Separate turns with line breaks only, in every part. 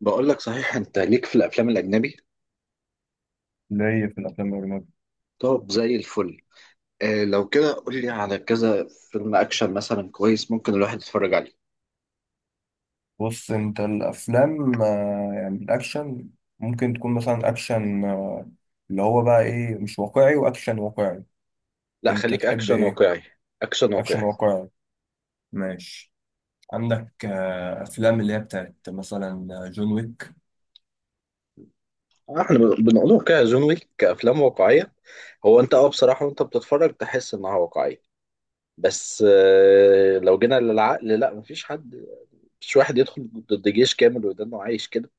بقول لك صحيح انت ليك في الافلام الاجنبي.
ليا في الافلام الاجنبي.
طب زي الفل. آه لو كده قول لي على كذا فيلم اكشن مثلا كويس ممكن الواحد يتفرج عليه.
بص، انت الافلام يعني الاكشن. ممكن تكون مثلا اكشن. اللي هو بقى ايه، مش واقعي واكشن واقعي.
لا
انت
خليك
تحب
اكشن
ايه؟
واقعي. اكشن
اكشن
واقعي.
واقعي. ماشي. عندك افلام اللي هي بتاعت مثلا جون ويك.
احنا بنقوله كده زومي كافلام واقعيه. هو انت اه بصراحه وانت بتتفرج تحس انها واقعيه. بس آه لو جينا للعقل لا مفيش حد. مش واحد يدخل ضد جيش كامل ويضل إنه عايش كده.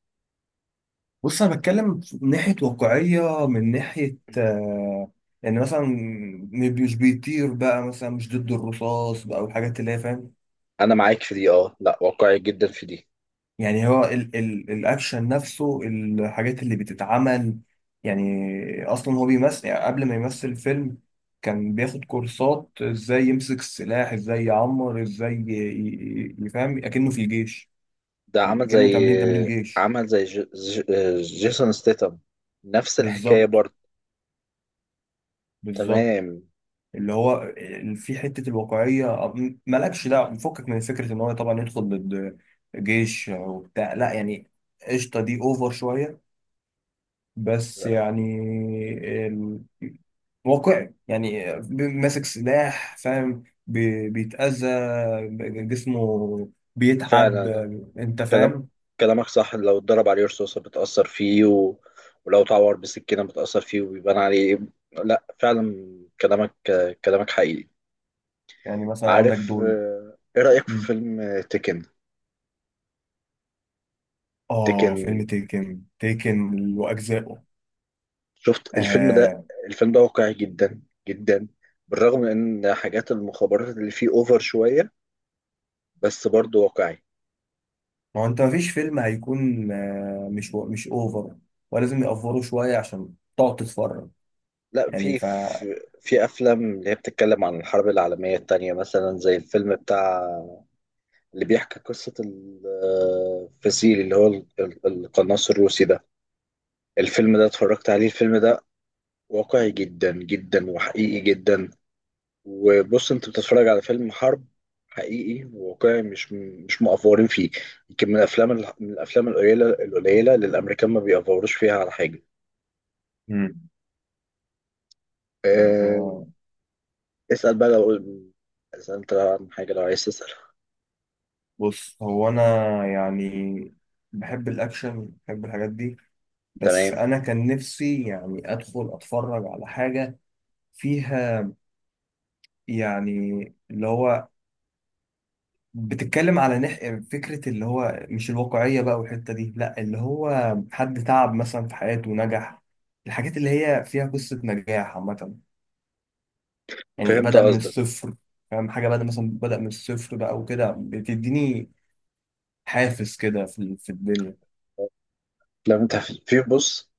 بص، انا بتكلم من ناحيه واقعيه، من ناحيه. يعني مثلا، مش بيطير بقى مثلا، مش ضد الرصاص بقى والحاجات اللي هي، فاهم؟
انا معاك في دي اه لا واقعي جدا في دي.
يعني هو ال ال الاكشن نفسه، الحاجات اللي بتتعمل. يعني اصلا هو بيمثل، يعني قبل ما يمثل فيلم كان بياخد كورسات، ازاي يمسك السلاح، ازاي يعمر، ازاي يفهم اكنه في الجيش.
ده
يعني
عمل زي
اكنه تمرين تمرين جيش.
جيسون ستيتم. نفس الحكاية
بالظبط.
برضه.
بالظبط.
تمام.
اللي هو في حتة الواقعية، مالكش دعوة، فكك من فكرة ان هو طبعا يدخل ضد جيش وبتاع، لا يعني قشطة دي اوفر شوية. بس يعني واقعي، يعني ماسك سلاح، فاهم، بيتأذى جسمه، بيتعب.
فعلا
انت
كلام.
فاهم؟
كلامك لو اتضرب عليه رصاصة بتأثر فيه ولو اتعور بسكينة بتأثر فيه وبيبان عليه. لا فعلا كلامك. كلامك حقيقي.
يعني مثلا عندك
عارف
دول.
ايه رأيك في
مم.
فيلم تيكن؟
اه، فيلم
تيكن.
تيكن، تيكن واجزائه.
شفت الفيلم ده؟
آه.
الفيلم ده واقعي جدا جدا بالرغم من ان حاجات المخابرات اللي فيه اوفر شوية. بس برضه واقعي.
ما هو انت مفيش فيلم هيكون مش مش اوفر، ولازم يأفوره شوية عشان تقعد تتفرج.
لا
يعني
في
ف
في في افلام اللي هي بتتكلم عن الحرب العالميه الثانيه مثلا زي الفيلم بتاع اللي بيحكي قصه الفسيل اللي هو القناص الروسي ده. الفيلم ده اتفرجت عليه. الفيلم ده واقعي جدا جدا وحقيقي جدا. وبص انت بتتفرج على فيلم حرب حقيقي وواقعي مش مأفورين فيه. يمكن من من الافلام القليله القليله اللي الامريكان ما بيأفوروش فيها على حاجه.
مم. طب
أه.
آه،
اسأل بقى لو اذا انت عن حاجه لو عايز تسأل.
بص، هو انا يعني بحب الاكشن، بحب الحاجات دي. بس
تمام
أنا كان نفسي يعني أدخل أتفرج على حاجة فيها، يعني اللي هو بتتكلم على فكرة اللي هو مش الواقعية بقى والحتة دي، لا، اللي هو حد تعب مثلا في حياته ونجح. الحاجات اللي هي فيها قصة نجاح عامة، يعني
فهمت
بدأ من
قصدك.
الصفر. فاهم حاجة؟ بدأ مثلا، بدأ من الصفر بقى وكده، بتديني حافز كده في في الدنيا.
لما انت في بص.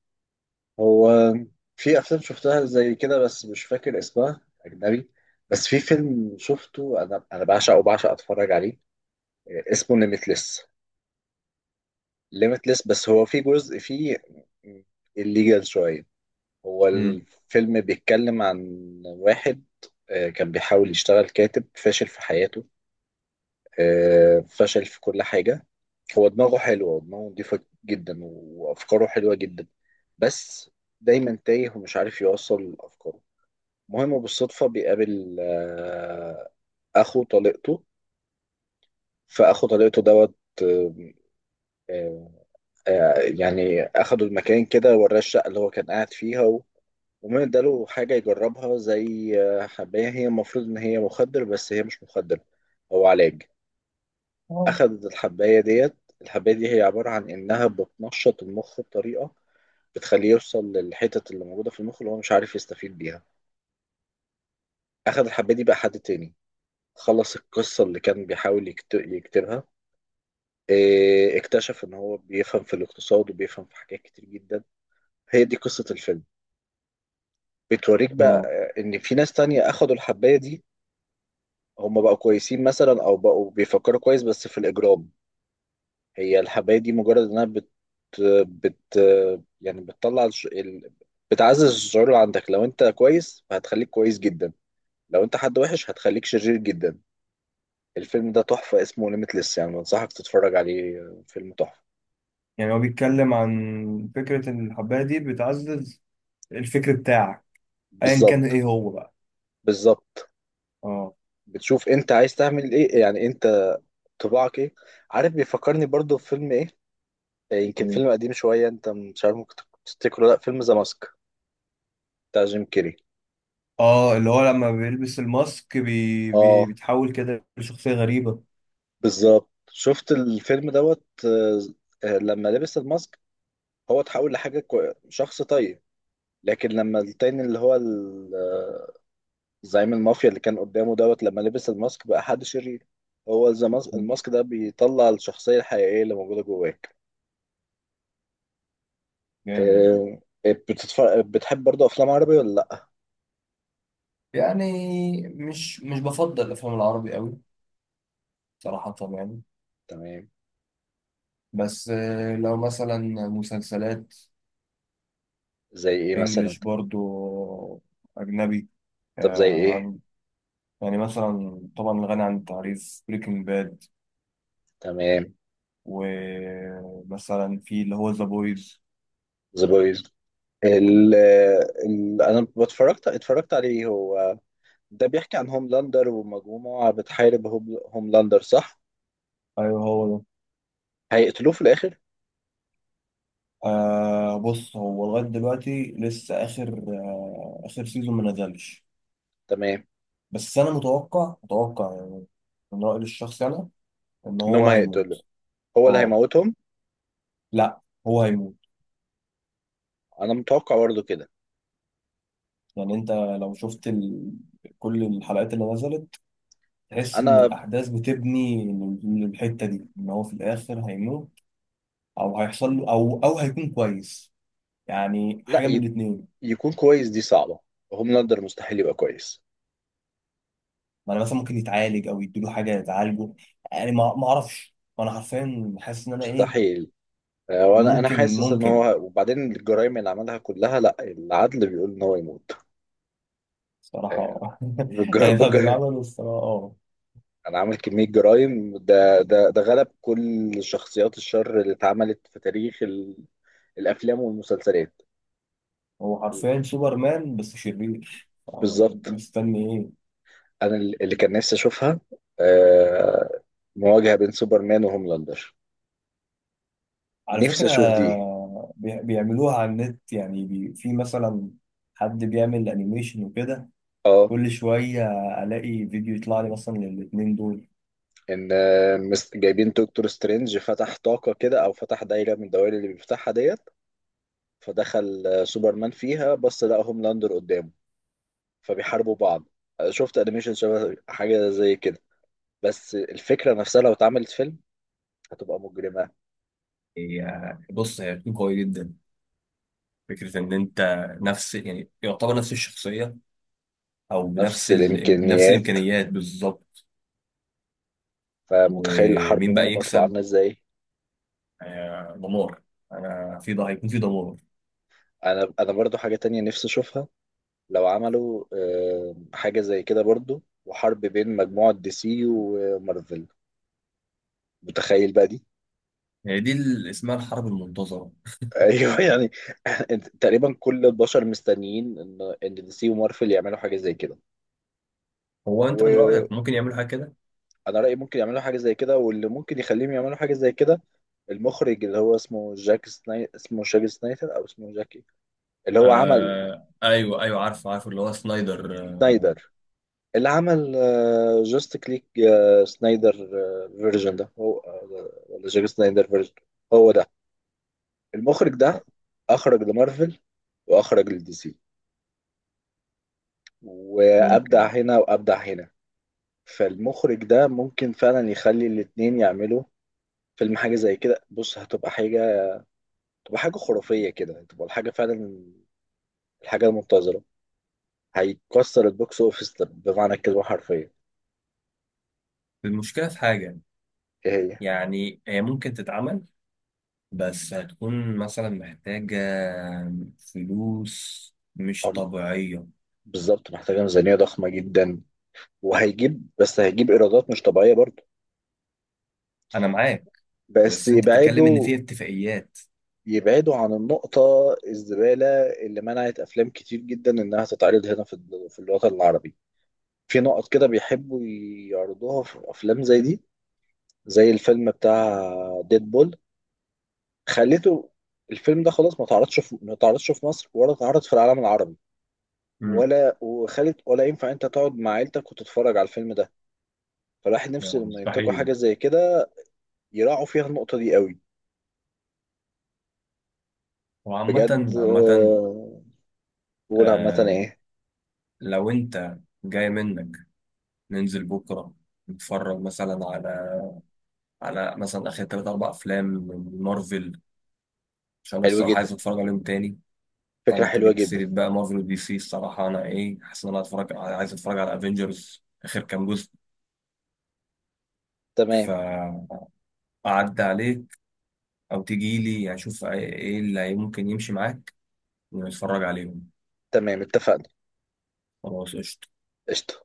هو في افلام شفتها زي كده بس مش فاكر اسمها اجنبي. بس في فيلم شفته انا بعشق وبعشق اتفرج عليه. اسمه ليميتلس. ليميتلس بس هو في جزء فيه الليجال شويه. هو
امم.
الفيلم بيتكلم عن واحد، كان بيحاول يشتغل كاتب فاشل في حياته. فشل في كل حاجة. هو دماغه حلوة ودماغه نضيفة جدا وأفكاره حلوة جدا. بس دايما تايه ومش عارف يوصل أفكاره. المهم بالصدفة بيقابل أخو طليقته. فأخو طليقته دوت. آه، آه، يعني أخده المكان كده وراه الشقة اللي هو كان قاعد فيها ومن اداله حاجة يجربها زي حباية هي المفروض إن هي مخدر بس هي مش مخدر. هو علاج.
اه.
أخدت الحباية ديت. الحباية دي هي عبارة عن إنها بتنشط المخ بطريقة بتخليه يوصل للحتت اللي موجودة في المخ اللي هو مش عارف يستفيد بيها. أخد الحباية دي بقى حد تاني. خلص القصة اللي كان بيحاول يكتبها. إيه، اكتشف إن هو بيفهم في الاقتصاد وبيفهم في حاجات كتير جدا. هي دي قصة الفيلم. بتوريك بقى
اه.
إن في ناس تانية أخدوا الحباية دي. هم بقوا كويسين مثلا أو بقوا بيفكروا كويس بس في الإجرام. هي الحباية دي مجرد انها بت يعني بتعزز الشعور اللي عندك. لو انت كويس فهتخليك كويس جدا. لو انت حد وحش هتخليك شرير جدا. الفيلم ده تحفة اسمه ليميتلس يعني بنصحك تتفرج عليه. فيلم تحفة.
يعني هو بيتكلم عن فكرة إن الحباية دي بتعزز الفكر بتاعك، ايا كان
بالظبط.
ايه هو بقى.
بالظبط.
اه.
بتشوف انت عايز تعمل ايه يعني. انت طباعك ايه. عارف بيفكرني برضو بفيلم ايه؟ يمكن
ايه.
فيلم قديم شوية انت مش عارف ممكن تفتكره. لا فيلم ذا ماسك بتاع جيم كيري.
اه، اللي هو لما بيلبس الماسك بي... بي...
اه
بيتحول كده لشخصية غريبة.
بالظبط. شفت الفيلم دوت لما لبس الماسك هو اتحول لحاجة شخص طيب. لكن لما التاني اللي هو زعيم المافيا اللي كان قدامه دوت لما لبس الماسك بقى حد شرير. هو
مم.
الماسك ده بيطلع الشخصية الحقيقية اللي موجودة جواك.
جامد.
آه، بتتفرج بتحب برضه أفلام عربي ولا لأ؟
يعني مش بفضل الافلام العربي قوي، صراحة، يعني.
تمام.
بس لو مثلا مسلسلات
زي إيه مثلا؟
انجليش برضو، اجنبي،
طب زي
آه،
إيه؟
عن- يعني مثلا طبعا غني عن التعريف بريكنج باد،
تمام.
ومثلا في اللي هو ذا بويز.
ذا بويز. ال... آه، أنا اتفرجت عليه. هو ده بيحكي عن هوملاندر ومجموعة بتحارب هوملاندر صح؟
ايوه، هو ده.
هيقتلوه في الآخر؟
آه. بص، هو لغاية دلوقتي لسه آخر سيزون ما نزلش.
تمام.
بس أنا متوقع متوقع يعني، من رأيي الشخصي أنا، إن
إنهم
هو
هيقتلوه.
هيموت.
هو اللي
أه.
هيموتهم.
لا، هو هيموت.
أنا متوقع برضه كده.
يعني أنت لو شفت كل الحلقات اللي نزلت، تحس إن
أنا
الأحداث بتبني للحتة دي، إن هو في الآخر هيموت، أو هيحصل له أو هيكون كويس. يعني
لا
حاجة
ي-
من الاتنين.
يكون كويس دي صعبة. هوملاندر مستحيل يبقى كويس.
ما أنا مثلا ممكن يتعالج أو يديله حاجة يتعالجه. يعني ما أعرفش، وأنا حرفيا حاسس إن أنا إيه.
مستحيل. وأنا أنا
ممكن،
حاسس إن
ممكن،
هو وبعدين الجرايم اللي عملها كلها لا العدل بيقول إن هو يموت.
صراحة،
آه،
اه.
بالجرائم
يعني طب اللي
بالجرائم
عمله الصراحة، اه.
أنا عامل كمية جرايم. ده غلب كل شخصيات الشر اللي اتعملت في تاريخ الأفلام والمسلسلات.
هو حرفيا سوبرمان بس شرير، انت
بالظبط.
مستني ايه؟
انا اللي كان نفسي اشوفها، آه، مواجهه بين سوبرمان وهوملاندر.
على
نفسي اشوف
فكرة،
دي.
بيعملوها على النت. يعني في مثلا حد بيعمل انيميشن وكده.
اه
كل شوية الاقي فيديو يطلع لي مثلا للاتنين دول.
ان جايبين دكتور سترينج فتح طاقه كده او فتح دايره من الدوائر اللي بيفتحها ديت. فدخل سوبرمان فيها بس لقى هوملاندر قدامه. فبيحاربوا بعض. شفت انيميشن شبه حاجه زي كده. بس الفكره نفسها لو اتعملت فيلم هتبقى مجرمه.
بص، هي بتكون قوية جدا. فكرة إن أنت نفس يعني يعتبر نفس الشخصية، أو بنفس
نفس
نفس
الامكانيات.
الإمكانيات بالظبط.
فمتخيل الحرب
ومين بقى
منهم هتبقى
يكسب؟
عامله ازاي.
دمار. انا في ده هيكون في دمار.
انا برضو حاجه تانية نفسي اشوفها. لو عملوا حاجة زي كده برضو، وحرب بين مجموعة دي سي ومارفل. متخيل بقى دي.
هي دي اللي اسمها الحرب المنتظره.
ايوه يعني. تقريبا كل البشر مستنيين ان دي سي ومارفل يعملوا حاجة زي كده.
هو انت من
وانا
رايك ممكن يعملوا حاجه كده؟
رأيي ممكن يعملوا حاجة زي كده. واللي ممكن يخليهم يعملوا حاجة زي كده المخرج، اللي هو اسمه جاك اسمه جاك سنايدر او اسمه جاك إيه؟ اللي هو عمل
آه. ايوه، ايوه، عارف، عارف اللي هو سنايدر.
سنايدر. اللي عمل جاست كليك. سنايدر فيرجن ده هو ولا جاك سنايدر فيرجن؟ هو ده المخرج ده. اخرج لمارفل واخرج لدي سي
ممكن.
وابدع هنا وابدع هنا. فالمخرج ده ممكن فعلا يخلي الاتنين يعملوا فيلم حاجه زي كده. بص هتبقى حاجه تبقى حاجه خرافيه كده، تبقى الحاجه فعلا الحاجه المنتظره. هيكسر البوكس اوفيس بمعنى الكلمه حرفيا.
المشكله في حاجه.
ايه هي؟
يعني هي ممكن تتعمل، بس هتكون مثلا محتاجه فلوس مش
أم-
طبيعيه.
بالظبط. محتاجه ميزانيه ضخمه جدا. وهيجيب بس هيجيب ايرادات مش طبيعيه برضه.
انا معاك.
بس
بس انت بتتكلم ان
يبعدوا.
في اتفاقيات.
يبعدوا عن النقطة الزبالة اللي منعت أفلام كتير جدا إنها تتعرض هنا في في الوطن العربي. في نقط كده بيحبوا يعرضوها في أفلام زي دي. زي الفيلم بتاع ديد بول. خليته الفيلم ده خلاص ما تعرضش في مصر ولا تعرض في العالم العربي.
امم.
ولا وخلت ولا ينفع أنت تقعد مع عيلتك وتتفرج على الفيلم ده. فالواحد
يعني
نفسه لما ينتجوا
مستحيل.
حاجة زي كده يراعوا فيها النقطة دي قوي.
وعامه،
بجد
عامه.
بقول عامة
آه.
إيه.
لو انت جاي منك ننزل بكرة، نتفرج مثلا على مثلا آخر تلات أربع أفلام من مارفل، عشان أنا
حلو
الصراحة عايز
جدا.
أتفرج عليهم تاني.
فكرة
طبعا أنت
حلوة
جبت
جدا.
سيرة بقى مارفل ودي سي، الصراحة أنا إيه، حاسس إن أنا عايز أتفرج على أفينجرز آخر كام جزء.
تمام.
فأعدي عليك، أو تجي لي، يعني أشوف إيه اللي ممكن يمشي معاك، ونتفرج عليهم.
تمام اتفقنا.
خلاص. قشطة.
قشطة.